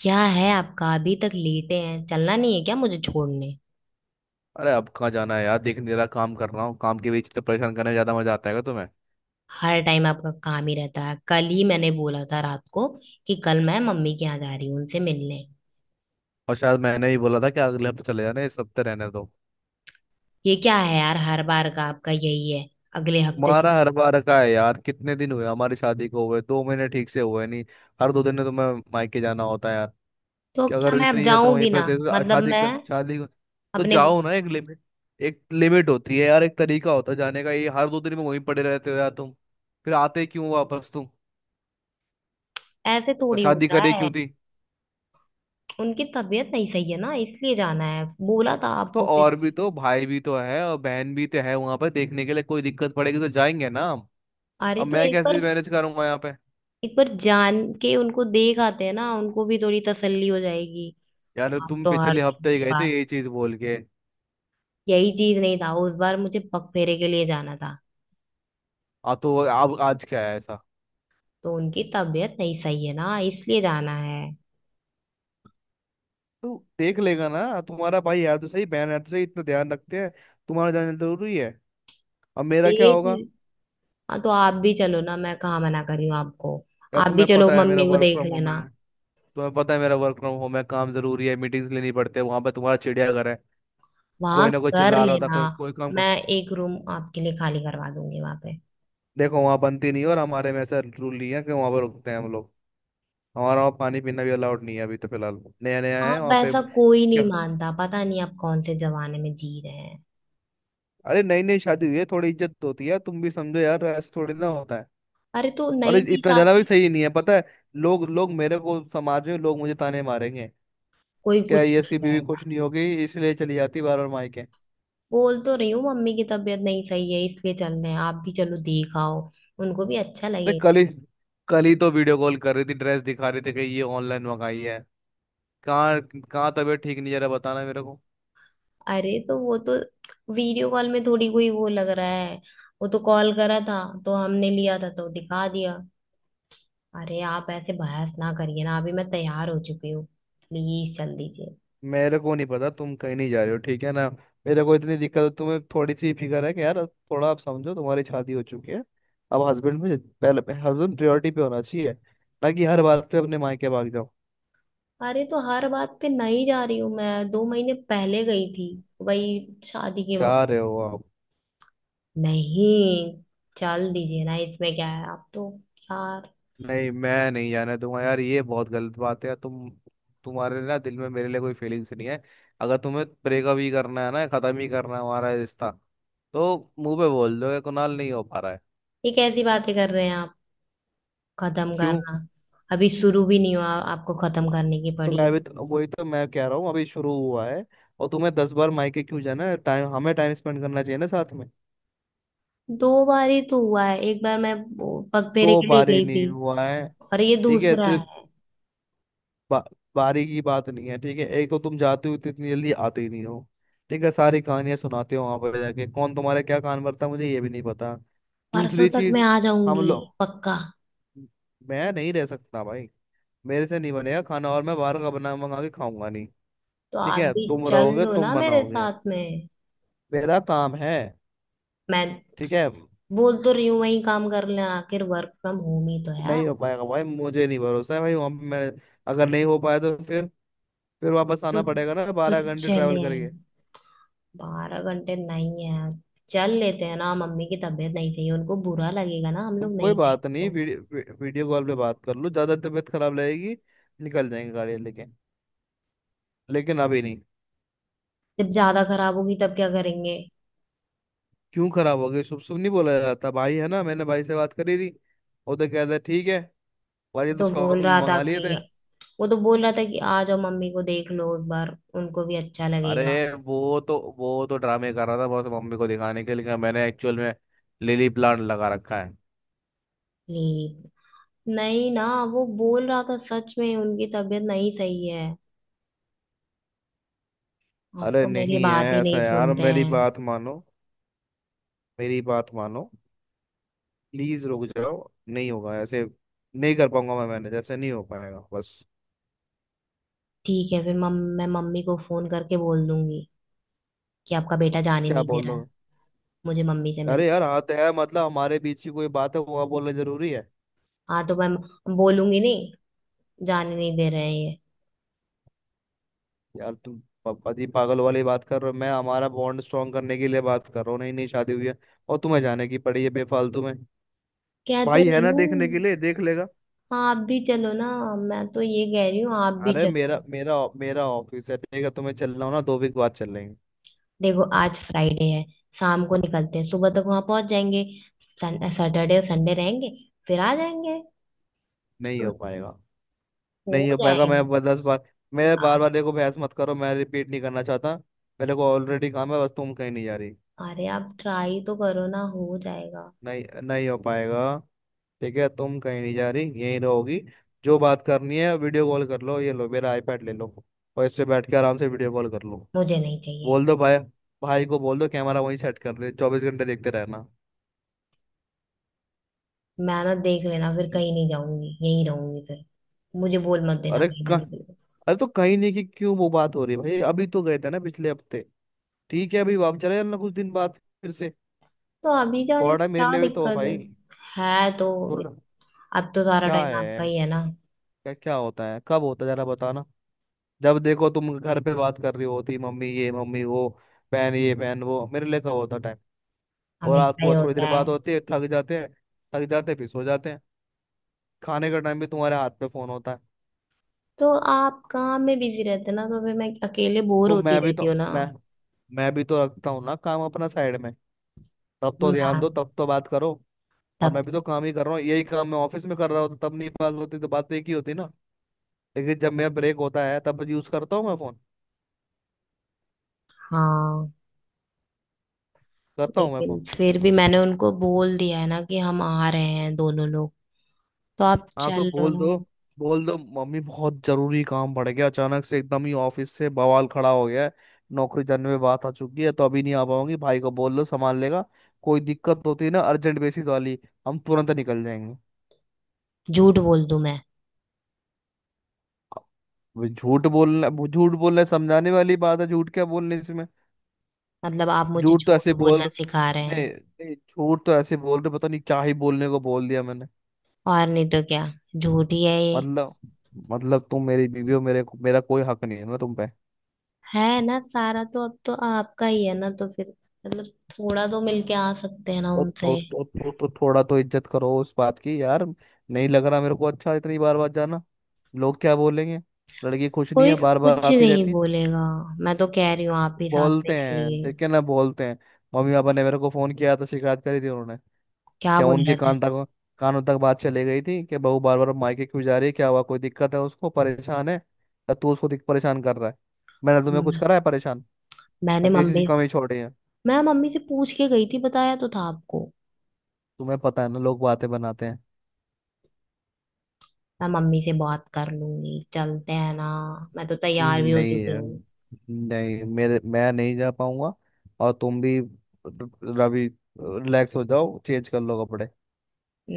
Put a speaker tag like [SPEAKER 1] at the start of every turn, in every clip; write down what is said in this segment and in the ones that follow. [SPEAKER 1] क्या है आपका? अभी तक लेटे हैं, चलना नहीं है क्या? मुझे छोड़ने।
[SPEAKER 2] अरे अब कहाँ जाना है यार। देख नहीं रहा काम कर रहा हूँ। काम के बीच तो परेशान करने में ज्यादा मजा आता है तुम्हें।
[SPEAKER 1] हर टाइम आपका काम ही रहता है। कल ही मैंने बोला था रात को कि कल मैं मम्मी के यहाँ जा रही हूँ उनसे मिलने।
[SPEAKER 2] और शायद मैंने ही बोला था कि अगले हफ्ते चले जाना, इस हफ्ते रहने दो।
[SPEAKER 1] ये क्या है यार, हर बार का आपका यही है। अगले हफ्ते
[SPEAKER 2] तुम्हारा हर बार का है यार। कितने दिन हुए हमारी शादी को? हुए 2 महीने ठीक से हुए नहीं। हर दो दिन में तुम्हें मायके जाना होता है यार।
[SPEAKER 1] तो
[SPEAKER 2] कि अगर
[SPEAKER 1] क्या मैं अब
[SPEAKER 2] इतनी ज्यादा
[SPEAKER 1] जाऊं
[SPEAKER 2] वहीं
[SPEAKER 1] भी
[SPEAKER 2] पर
[SPEAKER 1] ना,
[SPEAKER 2] तो
[SPEAKER 1] मतलब मैं
[SPEAKER 2] तो
[SPEAKER 1] अपने।
[SPEAKER 2] जाओ ना। एक लिमिट होती है यार। एक तरीका होता है जाने का। ये हर दो दिन में वहीं पड़े रहते हो यार तुम। फिर आते क्यों वापस तुम?
[SPEAKER 1] ऐसे
[SPEAKER 2] और
[SPEAKER 1] थोड़ी
[SPEAKER 2] शादी
[SPEAKER 1] होता
[SPEAKER 2] करे
[SPEAKER 1] है।
[SPEAKER 2] क्यों थी?
[SPEAKER 1] उनकी तबीयत नहीं सही है ना, इसलिए जाना है। बोला था
[SPEAKER 2] तो
[SPEAKER 1] आपको फिर
[SPEAKER 2] और भी
[SPEAKER 1] भी।
[SPEAKER 2] तो भाई भी तो है और बहन भी तो है वहां पर देखने के लिए। कोई दिक्कत पड़ेगी तो जाएंगे ना हम।
[SPEAKER 1] अरे
[SPEAKER 2] अब
[SPEAKER 1] तो
[SPEAKER 2] मैं
[SPEAKER 1] एक बार,
[SPEAKER 2] कैसे मैनेज करूंगा यहाँ पे।
[SPEAKER 1] एक बार जान के उनको देख आते हैं ना, उनको भी थोड़ी तसल्ली हो जाएगी।
[SPEAKER 2] यार
[SPEAKER 1] आप
[SPEAKER 2] तुम
[SPEAKER 1] तो हर
[SPEAKER 2] पिछले हफ्ते ही
[SPEAKER 1] छोटी
[SPEAKER 2] गए थे
[SPEAKER 1] बात।
[SPEAKER 2] यही चीज बोल के।
[SPEAKER 1] यही चीज नहीं था, उस बार मुझे पगफेरे के लिए जाना था।
[SPEAKER 2] अब आज क्या है ऐसा?
[SPEAKER 1] तो उनकी तबीयत नहीं सही है ना, इसलिए जाना है।
[SPEAKER 2] तो देख लेगा ना। तुम्हारा भाई है तो सही, बहन है तो सही, इतना ध्यान रखते हैं। तुम्हारा जाना जरूरी है। अब मेरा क्या
[SPEAKER 1] ठीक
[SPEAKER 2] होगा?
[SPEAKER 1] है। हाँ, तो आप भी चलो ना, मैं कहाँ मना कर रही हूँ आपको।
[SPEAKER 2] यार
[SPEAKER 1] आप भी
[SPEAKER 2] तुम्हें
[SPEAKER 1] चलो,
[SPEAKER 2] पता है मेरा
[SPEAKER 1] मम्मी को
[SPEAKER 2] वर्क
[SPEAKER 1] देख
[SPEAKER 2] फ्रॉम होम है।
[SPEAKER 1] लेना।
[SPEAKER 2] तुम्हें पता है मेरा वर्क फ्रॉम होम है, काम जरूरी है, मीटिंग्स लेनी पड़ते हैं। वहां पे तुम्हारा चिड़ियाघर है। कोई
[SPEAKER 1] वहां
[SPEAKER 2] ना कोई
[SPEAKER 1] कर
[SPEAKER 2] चिल्ला रहा होता,
[SPEAKER 1] लेना।
[SPEAKER 2] कोई कोई काम कर।
[SPEAKER 1] मैं एक रूम आपके लिए खाली करवा दूंगी वहां पे।
[SPEAKER 2] देखो वहां बनती नहीं है, और हमारे में ऐसा रूल नहीं है कि वहां पर रुकते हैं हम लोग। हमारा वहाँ पानी पीना भी अलाउड नहीं है, अभी तो फिलहाल नया नया है
[SPEAKER 1] आप,
[SPEAKER 2] वहाँ पे।
[SPEAKER 1] ऐसा कोई नहीं
[SPEAKER 2] क्या?
[SPEAKER 1] मानता, पता नहीं आप कौन से जमाने में जी रहे हैं।
[SPEAKER 2] अरे नई नई शादी हुई है, थोड़ी इज्जत तो होती है यार, तुम भी समझो यार, ऐसे थोड़ी ना होता है।
[SPEAKER 1] अरे तो
[SPEAKER 2] और
[SPEAKER 1] नई नई
[SPEAKER 2] इतना ज्यादा भी
[SPEAKER 1] शादी।
[SPEAKER 2] सही नहीं है, पता है। लोग लोग मेरे को समाज में लोग मुझे ताने मारेंगे।
[SPEAKER 1] कोई
[SPEAKER 2] क्या
[SPEAKER 1] कुछ
[SPEAKER 2] ये
[SPEAKER 1] नहीं
[SPEAKER 2] इसकी बीवी
[SPEAKER 1] कहेगा।
[SPEAKER 2] खुश नहीं होगी इसलिए चली जाती बार बार मायके।
[SPEAKER 1] बोल तो रही हूँ मम्मी की तबीयत नहीं सही है, इसलिए चल रहे हैं। आप भी चलो, देखाओ, उनको भी अच्छा
[SPEAKER 2] अरे
[SPEAKER 1] लगे।
[SPEAKER 2] कल ही, तो वीडियो कॉल कर रही थी, ड्रेस दिखा रही थी कि ये ऑनलाइन मंगाई है। कहाँ? कहाँ तबीयत ठीक नहीं, जरा बताना मेरे को।
[SPEAKER 1] अरे तो वो तो, वीडियो कॉल में थोड़ी कोई वो लग रहा है। वो तो कॉल करा था, तो हमने लिया था तो दिखा दिया। अरे आप ऐसे बहस ना करिए ना, अभी मैं तैयार हो चुकी हूँ। प्लीज चल दीजिए।
[SPEAKER 2] मेरे को नहीं पता, तुम कहीं नहीं जा रहे हो, ठीक है ना। मेरे को इतनी दिक्कत है, तुम्हें थोड़ी सी फिक्र है कि यार अब थोड़ा आप समझो, तुम्हारी शादी हो चुकी है। अब हस्बैंड में पहले हस्बैंड प्रायोरिटी पे होना चाहिए, ना कि हर बात पे अपने मायके भाग जाओ।
[SPEAKER 1] अरे तो हर बात पे नहीं जा रही हूँ मैं, दो महीने पहले गई थी, वही शादी के
[SPEAKER 2] जा
[SPEAKER 1] वक्त।
[SPEAKER 2] रहे हो आप?
[SPEAKER 1] नहीं। चल दीजिए ना, इसमें क्या है? आप तो यार।
[SPEAKER 2] नहीं, मैं नहीं जाना दूंगा यार, ये बहुत गलत बात है यार। तुम्हारे ना दिल में मेरे लिए कोई फीलिंग्स नहीं है। अगर तुम्हें ब्रेकअप ही करना है ना, खत्म ही करना है हमारा रिश्ता, तो मुंह पे बोल दो कि कुणाल नहीं हो पा रहा है।
[SPEAKER 1] ये कैसी बातें कर रहे हैं आप? खत्म
[SPEAKER 2] क्यों?
[SPEAKER 1] करना? अभी शुरू भी नहीं हुआ, आपको खत्म करने की
[SPEAKER 2] तो
[SPEAKER 1] पड़ी
[SPEAKER 2] मैं
[SPEAKER 1] है।
[SPEAKER 2] भी तो वही तो मैं कह रहा हूँ अभी शुरू हुआ है। और तुम्हें 10 बार मायके क्यों जाना है? टाइम हमें टाइम स्पेंड करना चाहिए ना साथ में।
[SPEAKER 1] दो बार ही तो हुआ है, एक बार मैं वो पगफेरे
[SPEAKER 2] तो
[SPEAKER 1] के लिए
[SPEAKER 2] बारी
[SPEAKER 1] गई थी
[SPEAKER 2] नहीं हुआ है।
[SPEAKER 1] और ये
[SPEAKER 2] ठीक है।
[SPEAKER 1] दूसरा है।
[SPEAKER 2] बा, बारी की बात नहीं है, ठीक है। एक तो तुम जाते हो तो इतनी जल्दी आते ही नहीं हो, ठीक है। सारी कहानियां सुनाते हो वहां पर जाके, कौन तुम्हारे क्या कान भरता है, मुझे ये भी नहीं पता।
[SPEAKER 1] परसों
[SPEAKER 2] दूसरी
[SPEAKER 1] तक मैं
[SPEAKER 2] चीज,
[SPEAKER 1] आ
[SPEAKER 2] हम
[SPEAKER 1] जाऊंगी।
[SPEAKER 2] लोग
[SPEAKER 1] पक्का।
[SPEAKER 2] मैं नहीं रह सकता भाई। मेरे से नहीं बनेगा खाना, और मैं बाहर का बना मंगा के खाऊंगा नहीं।
[SPEAKER 1] तो
[SPEAKER 2] ठीक
[SPEAKER 1] आप
[SPEAKER 2] है
[SPEAKER 1] भी
[SPEAKER 2] तुम
[SPEAKER 1] चल
[SPEAKER 2] रहोगे,
[SPEAKER 1] लो
[SPEAKER 2] तुम
[SPEAKER 1] ना मेरे
[SPEAKER 2] बनाओगे,
[SPEAKER 1] साथ में।
[SPEAKER 2] मेरा काम है।
[SPEAKER 1] मैं
[SPEAKER 2] ठीक है?
[SPEAKER 1] बोल तो रही हूँ, वही काम कर लेना, आखिर वर्क फ्रॉम होम ही तो है यार।
[SPEAKER 2] नहीं हो पाएगा भाई, मुझे नहीं भरोसा है भाई वहां पे मैं। अगर नहीं हो पाया तो फिर वापस
[SPEAKER 1] तो
[SPEAKER 2] आना पड़ेगा ना
[SPEAKER 1] तो
[SPEAKER 2] 12 घंटे
[SPEAKER 1] चले
[SPEAKER 2] ट्रैवल करके।
[SPEAKER 1] आएंगे। बारह घंटे नहीं है यार। चल लेते हैं ना, मम्मी की तबीयत नहीं सही है, उनको बुरा लगेगा ना हम
[SPEAKER 2] तो
[SPEAKER 1] लोग
[SPEAKER 2] कोई
[SPEAKER 1] नहीं
[SPEAKER 2] बात
[SPEAKER 1] जाएंगे
[SPEAKER 2] नहीं,
[SPEAKER 1] तो।
[SPEAKER 2] वीडियो कॉल पे बात कर लो, ज्यादा तबीयत खराब लगेगी निकल जाएंगे गाड़ी लेके, लेकिन अभी नहीं।
[SPEAKER 1] जब ज्यादा खराब होगी तब क्या करेंगे?
[SPEAKER 2] क्यों खराब हो गई? शुभ शुभ नहीं बोला जाता भाई, है ना। मैंने भाई से बात करी थी, वो तो कहता है, ठीक है भाई, ये तो
[SPEAKER 1] तो
[SPEAKER 2] शौक
[SPEAKER 1] बोल
[SPEAKER 2] में
[SPEAKER 1] रहा था
[SPEAKER 2] मंगा लिए
[SPEAKER 1] कि,
[SPEAKER 2] थे।
[SPEAKER 1] वो तो बोल रहा था कि आ जाओ, मम्मी को देख लो एक बार, उनको भी अच्छा लगेगा।
[SPEAKER 2] अरे वो तो ड्रामे कर रहा था, बस मम्मी को दिखाने के लिए। मैंने एक्चुअल में लिली प्लांट लगा रखा है।
[SPEAKER 1] प्लीज। नहीं ना, वो बोल रहा था सच में उनकी तबीयत नहीं सही है। आप
[SPEAKER 2] अरे
[SPEAKER 1] तो मेरी
[SPEAKER 2] नहीं है
[SPEAKER 1] बात ही
[SPEAKER 2] ऐसा
[SPEAKER 1] नहीं
[SPEAKER 2] यार,
[SPEAKER 1] सुनते
[SPEAKER 2] मेरी
[SPEAKER 1] हैं।
[SPEAKER 2] बात मानो, मेरी बात मानो, प्लीज रुक जाओ। नहीं होगा ऐसे, नहीं कर पाऊंगा मैं मैनेज, ऐसे नहीं हो पाएगा बस।
[SPEAKER 1] ठीक है फिर मम मैं मम्मी को फोन करके बोल दूंगी कि आपका बेटा जाने
[SPEAKER 2] क्या
[SPEAKER 1] नहीं दे
[SPEAKER 2] बोल
[SPEAKER 1] रहा
[SPEAKER 2] रहे
[SPEAKER 1] है
[SPEAKER 2] हो?
[SPEAKER 1] मुझे मम्मी से मिल।
[SPEAKER 2] अरे यार हाथ है, मतलब हमारे बीच की कोई बात है वो बोलना जरूरी है?
[SPEAKER 1] हाँ तो मैं बोलूंगी नहीं, जाने नहीं दे रहे हैं ये।
[SPEAKER 2] यार तुम पति पागल वाली बात कर रहे हो। मैं हमारा बॉन्ड स्ट्रॉन्ग करने के लिए बात कर रहा हूँ, नहीं नहीं शादी हुई है और तुम्हें जाने की पड़ी है बेफालतू में।
[SPEAKER 1] कह तो
[SPEAKER 2] भाई है
[SPEAKER 1] रही
[SPEAKER 2] ना
[SPEAKER 1] हूँ।
[SPEAKER 2] देखने के लिए, देख लेगा।
[SPEAKER 1] हाँ, आप भी चलो ना। मैं तो ये कह रही हूँ, आप भी
[SPEAKER 2] अरे
[SPEAKER 1] चलो।
[SPEAKER 2] मेरा मेरा मेरा ऑफिस है, ठीक है? तुम्हें चलना हो ना 2 वीक बाद चल लेंगे।
[SPEAKER 1] देखो आज फ्राइडे है, शाम को निकलते हैं, सुबह तक वहां पहुंच जाएंगे। सैटरडे और संडे रहेंगे, फिर आ जाएंगे।
[SPEAKER 2] नहीं हो पाएगा।
[SPEAKER 1] हो
[SPEAKER 2] नहीं हो पाएगा। मैं
[SPEAKER 1] जाएगा।
[SPEAKER 2] 10 बार, मेरे बार
[SPEAKER 1] आप,
[SPEAKER 2] बार देखो, बहस मत करो, मैं रिपीट नहीं करना चाहता। मेरे को ऑलरेडी काम है, बस तुम कहीं नहीं जा रही।
[SPEAKER 1] अरे आप ट्राई तो करो ना, हो जाएगा।
[SPEAKER 2] नहीं, नहीं हो पाएगा। ठीक है, तुम कहीं नहीं जा रही, यहीं रहोगी। जो बात करनी है वीडियो कॉल कर लो, ये लो मेरा आईपैड ले लो और इससे बैठ के आराम से वीडियो कॉल कर लो।
[SPEAKER 1] मुझे नहीं चाहिए।
[SPEAKER 2] बोल दो भाई, भाई को बोल दो कैमरा वहीं सेट कर दे, 24 घंटे देखते रहना।
[SPEAKER 1] मैं ना देख लेना, फिर कहीं नहीं जाऊंगी, यहीं रहूंगी फिर। मुझे बोल मत देना
[SPEAKER 2] अरे
[SPEAKER 1] कहीं
[SPEAKER 2] कह
[SPEAKER 1] जाने के लिए।
[SPEAKER 2] अरे तो कहीं नहीं, कि क्यों वो बात हो रही है भाई, अभी तो गए थे ना पिछले हफ्ते। ठीक है, अभी वापस चले जाना कुछ दिन बाद फिर से।
[SPEAKER 1] तो अभी जाने
[SPEAKER 2] थोड़ा
[SPEAKER 1] में
[SPEAKER 2] टाइम
[SPEAKER 1] क्या
[SPEAKER 2] मेरे लिए भी तो हो
[SPEAKER 1] दिक्कत है?
[SPEAKER 2] भाई।
[SPEAKER 1] है तो।
[SPEAKER 2] पुरना
[SPEAKER 1] अब तो सारा
[SPEAKER 2] क्या
[SPEAKER 1] टाइम
[SPEAKER 2] है?
[SPEAKER 1] आपका ही है ना।
[SPEAKER 2] क्या क्या होता है, कब होता है, जरा बताना? जब देखो तुम घर पे बात कर रही होती, मम्मी ये मम्मी वो, पहन ये पहन वो, मेरे लिए कब होता टाइम? और रात
[SPEAKER 1] हमेशा ही
[SPEAKER 2] को थोड़ी
[SPEAKER 1] होता
[SPEAKER 2] देर
[SPEAKER 1] है।
[SPEAKER 2] बात होती है, थक जाते हैं, थक जाते हैं फिर सो जाते हैं। खाने का टाइम भी तुम्हारे हाथ पे फोन होता है।
[SPEAKER 1] तो आप काम में बिजी रहते ना, तो फिर मैं अकेले बोर
[SPEAKER 2] तो
[SPEAKER 1] होती
[SPEAKER 2] मैं भी
[SPEAKER 1] रहती
[SPEAKER 2] तो
[SPEAKER 1] हूँ ना।
[SPEAKER 2] मैं मैं भी तो रखता हूँ ना काम अपना साइड में। तब तो ध्यान दो,
[SPEAKER 1] मैं,
[SPEAKER 2] तब तो बात करो। और
[SPEAKER 1] तब।
[SPEAKER 2] मैं भी तो काम ही कर रहा हूँ, यही काम मैं ऑफिस में कर रहा होता तब नहीं बात होती, तो बात तो एक ही होती ना। लेकिन जब मेरा ब्रेक होता है तब यूज करता हूँ मैं फोन,
[SPEAKER 1] हाँ।
[SPEAKER 2] करता हूँ मैं
[SPEAKER 1] लेकिन
[SPEAKER 2] फोन।
[SPEAKER 1] फिर भी मैंने उनको बोल दिया है ना कि हम आ रहे हैं दोनों लोग, तो आप
[SPEAKER 2] हाँ
[SPEAKER 1] चल
[SPEAKER 2] तो
[SPEAKER 1] लो
[SPEAKER 2] बोल दो,
[SPEAKER 1] ना।
[SPEAKER 2] बोल दो मम्मी बहुत जरूरी काम पड़ गया अचानक से, एकदम ही ऑफिस से बवाल खड़ा हो गया है, नौकरी जाने में बात आ चुकी है तो अभी नहीं आ पाऊंगी, भाई को बोल लो संभाल लेगा। कोई दिक्कत होती है ना अर्जेंट बेसिस वाली, हम तुरंत निकल जाएंगे।
[SPEAKER 1] झूठ बोल दूं मैं?
[SPEAKER 2] अब झूठ बोलना, झूठ बोलना समझाने वाली बात है, झूठ क्या बोलने इसमें।
[SPEAKER 1] मतलब आप मुझे
[SPEAKER 2] झूठ तो
[SPEAKER 1] झूठ
[SPEAKER 2] ऐसे
[SPEAKER 1] बोलना
[SPEAKER 2] बोल
[SPEAKER 1] सिखा रहे
[SPEAKER 2] नहीं
[SPEAKER 1] हैं?
[SPEAKER 2] नहीं, झूठ तो ऐसे बोल रहे, पता नहीं क्या ही बोलने को बोल दिया मैंने।
[SPEAKER 1] और नहीं तो क्या, झूठ ही है ये।
[SPEAKER 2] मतलब मतलब तुम मेरी बीवी हो, मेरे मेरा कोई हक नहीं है ना तुम पे।
[SPEAKER 1] है ना, सारा तो अब तो आपका ही है ना, तो फिर मतलब थोड़ा तो मिलके आ सकते हैं ना
[SPEAKER 2] तो तो
[SPEAKER 1] उनसे।
[SPEAKER 2] तो, तो, तो थोड़ा तो इज्जत करो उस बात की यार। नहीं लग रहा मेरे को अच्छा इतनी बार बार जाना। लोग क्या बोलेंगे? लड़की खुश नहीं
[SPEAKER 1] कोई
[SPEAKER 2] है बार बार
[SPEAKER 1] कुछ
[SPEAKER 2] आती
[SPEAKER 1] नहीं
[SPEAKER 2] रहती है।
[SPEAKER 1] बोलेगा। मैं तो कह रही हूँ आप भी साथ में
[SPEAKER 2] बोलते हैं
[SPEAKER 1] चलिए।
[SPEAKER 2] देखे ना बोलते हैं। मम्मी पापा ने मेरे को फोन किया तो शिकायत करी थी उन्होंने।
[SPEAKER 1] क्या
[SPEAKER 2] क्या
[SPEAKER 1] बोल
[SPEAKER 2] उनके
[SPEAKER 1] रहे थे?
[SPEAKER 2] कानों तक बात चली गई थी कि बहू बार बार मायके क्यों जा रही है, क्या हुआ कोई दिक्कत है उसको, परेशान है या तू उसको परेशान कर रहा है। मैंने तुम्हें कुछ
[SPEAKER 1] हम्म,
[SPEAKER 2] करा है परेशान या
[SPEAKER 1] मैंने
[SPEAKER 2] किसी से
[SPEAKER 1] मम्मी।
[SPEAKER 2] कमी छोड़ी है?
[SPEAKER 1] मैं मम्मी से पूछ के गई थी, बताया तो था आपको।
[SPEAKER 2] तुम्हें पता है ना लोग बातें बनाते हैं।
[SPEAKER 1] मैं मम्मी से बात कर लूंगी, चलते हैं ना, मैं तो तैयार भी हो
[SPEAKER 2] नहीं
[SPEAKER 1] चुकी
[SPEAKER 2] है,
[SPEAKER 1] हूँ।
[SPEAKER 2] नहीं मेरे मैं नहीं जा पाऊंगा। और तुम भी, रवि, रिलैक्स हो जाओ, चेंज कर लो कपड़े।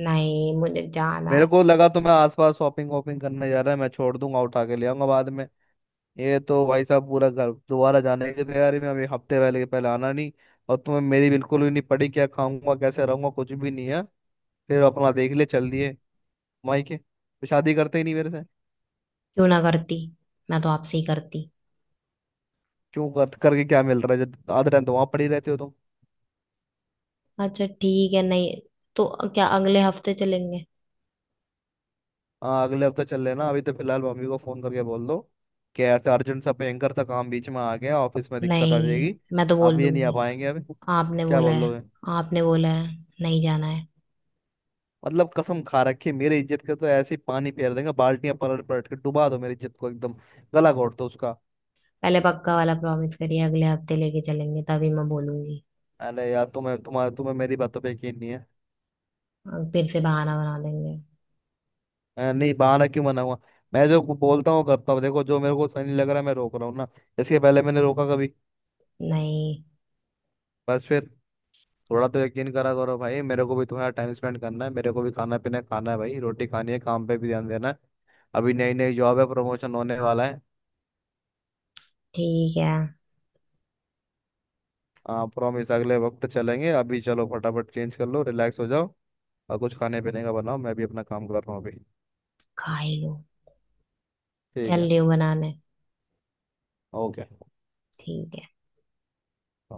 [SPEAKER 1] नहीं, मुझे जाना है।
[SPEAKER 2] मेरे को लगा तो मैं आसपास शॉपिंग वॉपिंग करने जा रहा है, मैं छोड़ दूंगा उठा के ले आऊंगा बाद में। ये तो भाई साहब पूरा घर दोबारा जाने की तैयारी में, अभी हफ्ते पहले के पहले आना नहीं। और तुम्हें मेरी बिल्कुल भी नहीं पड़ी, क्या खाऊंगा कैसे रहूंगा कुछ भी नहीं है, फिर अपना देख ले चल दिए। माई के तो शादी करते ही नहीं मेरे से।
[SPEAKER 1] क्यों ना करती, मैं तो आपसे ही करती।
[SPEAKER 2] क्यों कर करके क्या मिल रहा है जब आधे टाइम तो वहां पड़ी रहते हो तुम।
[SPEAKER 1] अच्छा ठीक है, नहीं तो क्या अगले हफ्ते चलेंगे?
[SPEAKER 2] हाँ अगले हफ्ते चल लेना, अभी तो फिलहाल मम्मी को फोन करके बोल दो कि ऐसे अर्जेंट सा भयंकर सा काम बीच में आ गया, ऑफिस में दिक्कत आ
[SPEAKER 1] नहीं,
[SPEAKER 2] जाएगी,
[SPEAKER 1] मैं तो
[SPEAKER 2] अब
[SPEAKER 1] बोल
[SPEAKER 2] ये नहीं आ
[SPEAKER 1] दूंगी
[SPEAKER 2] पाएंगे अभी।
[SPEAKER 1] आपने
[SPEAKER 2] क्या
[SPEAKER 1] बोला
[SPEAKER 2] बोल
[SPEAKER 1] है।
[SPEAKER 2] दोगे?
[SPEAKER 1] आपने बोला है नहीं जाना है।
[SPEAKER 2] मतलब कसम खा रखी है, मेरी इज्जत के तो ऐसे ही पानी फेर देंगे, बाल्टियां पलट पलट के डुबा दो मेरी इज्जत को एकदम, गला घोट दो उसका।
[SPEAKER 1] पहले पक्का वाला प्रॉमिस करिए अगले हफ्ते लेके चलेंगे, तभी मैं बोलूंगी।
[SPEAKER 2] अरे यार तुम्हें मेरी बातों पे यकीन नहीं है।
[SPEAKER 1] अब फिर से बहाना बना देंगे।
[SPEAKER 2] नहीं बहाना क्यों बनाऊंगा। मैं जो बोलता हूँ करता हूँ, देखो जो मेरे को सही नहीं लग रहा है मैं रोक रहा हूँ ना। इसके पहले मैंने रोका कभी?
[SPEAKER 1] नहीं।
[SPEAKER 2] बस फिर, थोड़ा तो यकीन करा करो भाई, मेरे को भी तुम्हारा टाइम स्पेंड करना है, मेरे को भी खाना पीना खाना है भाई, रोटी खानी है, काम पे भी ध्यान देना है, अभी नई नई जॉब है, प्रमोशन होने वाला है।
[SPEAKER 1] ठीक है।
[SPEAKER 2] प्रॉमिस अगले वक्त चलेंगे, अभी चलो फटाफट चेंज कर लो रिलैक्स हो जाओ, और कुछ खाने पीने का बनाओ, मैं भी अपना काम कर रहा हूँ अभी।
[SPEAKER 1] खा ही लो।
[SPEAKER 2] ठीक
[SPEAKER 1] चल
[SPEAKER 2] है,
[SPEAKER 1] रही हो बनाने।
[SPEAKER 2] ओके।
[SPEAKER 1] ठीक है।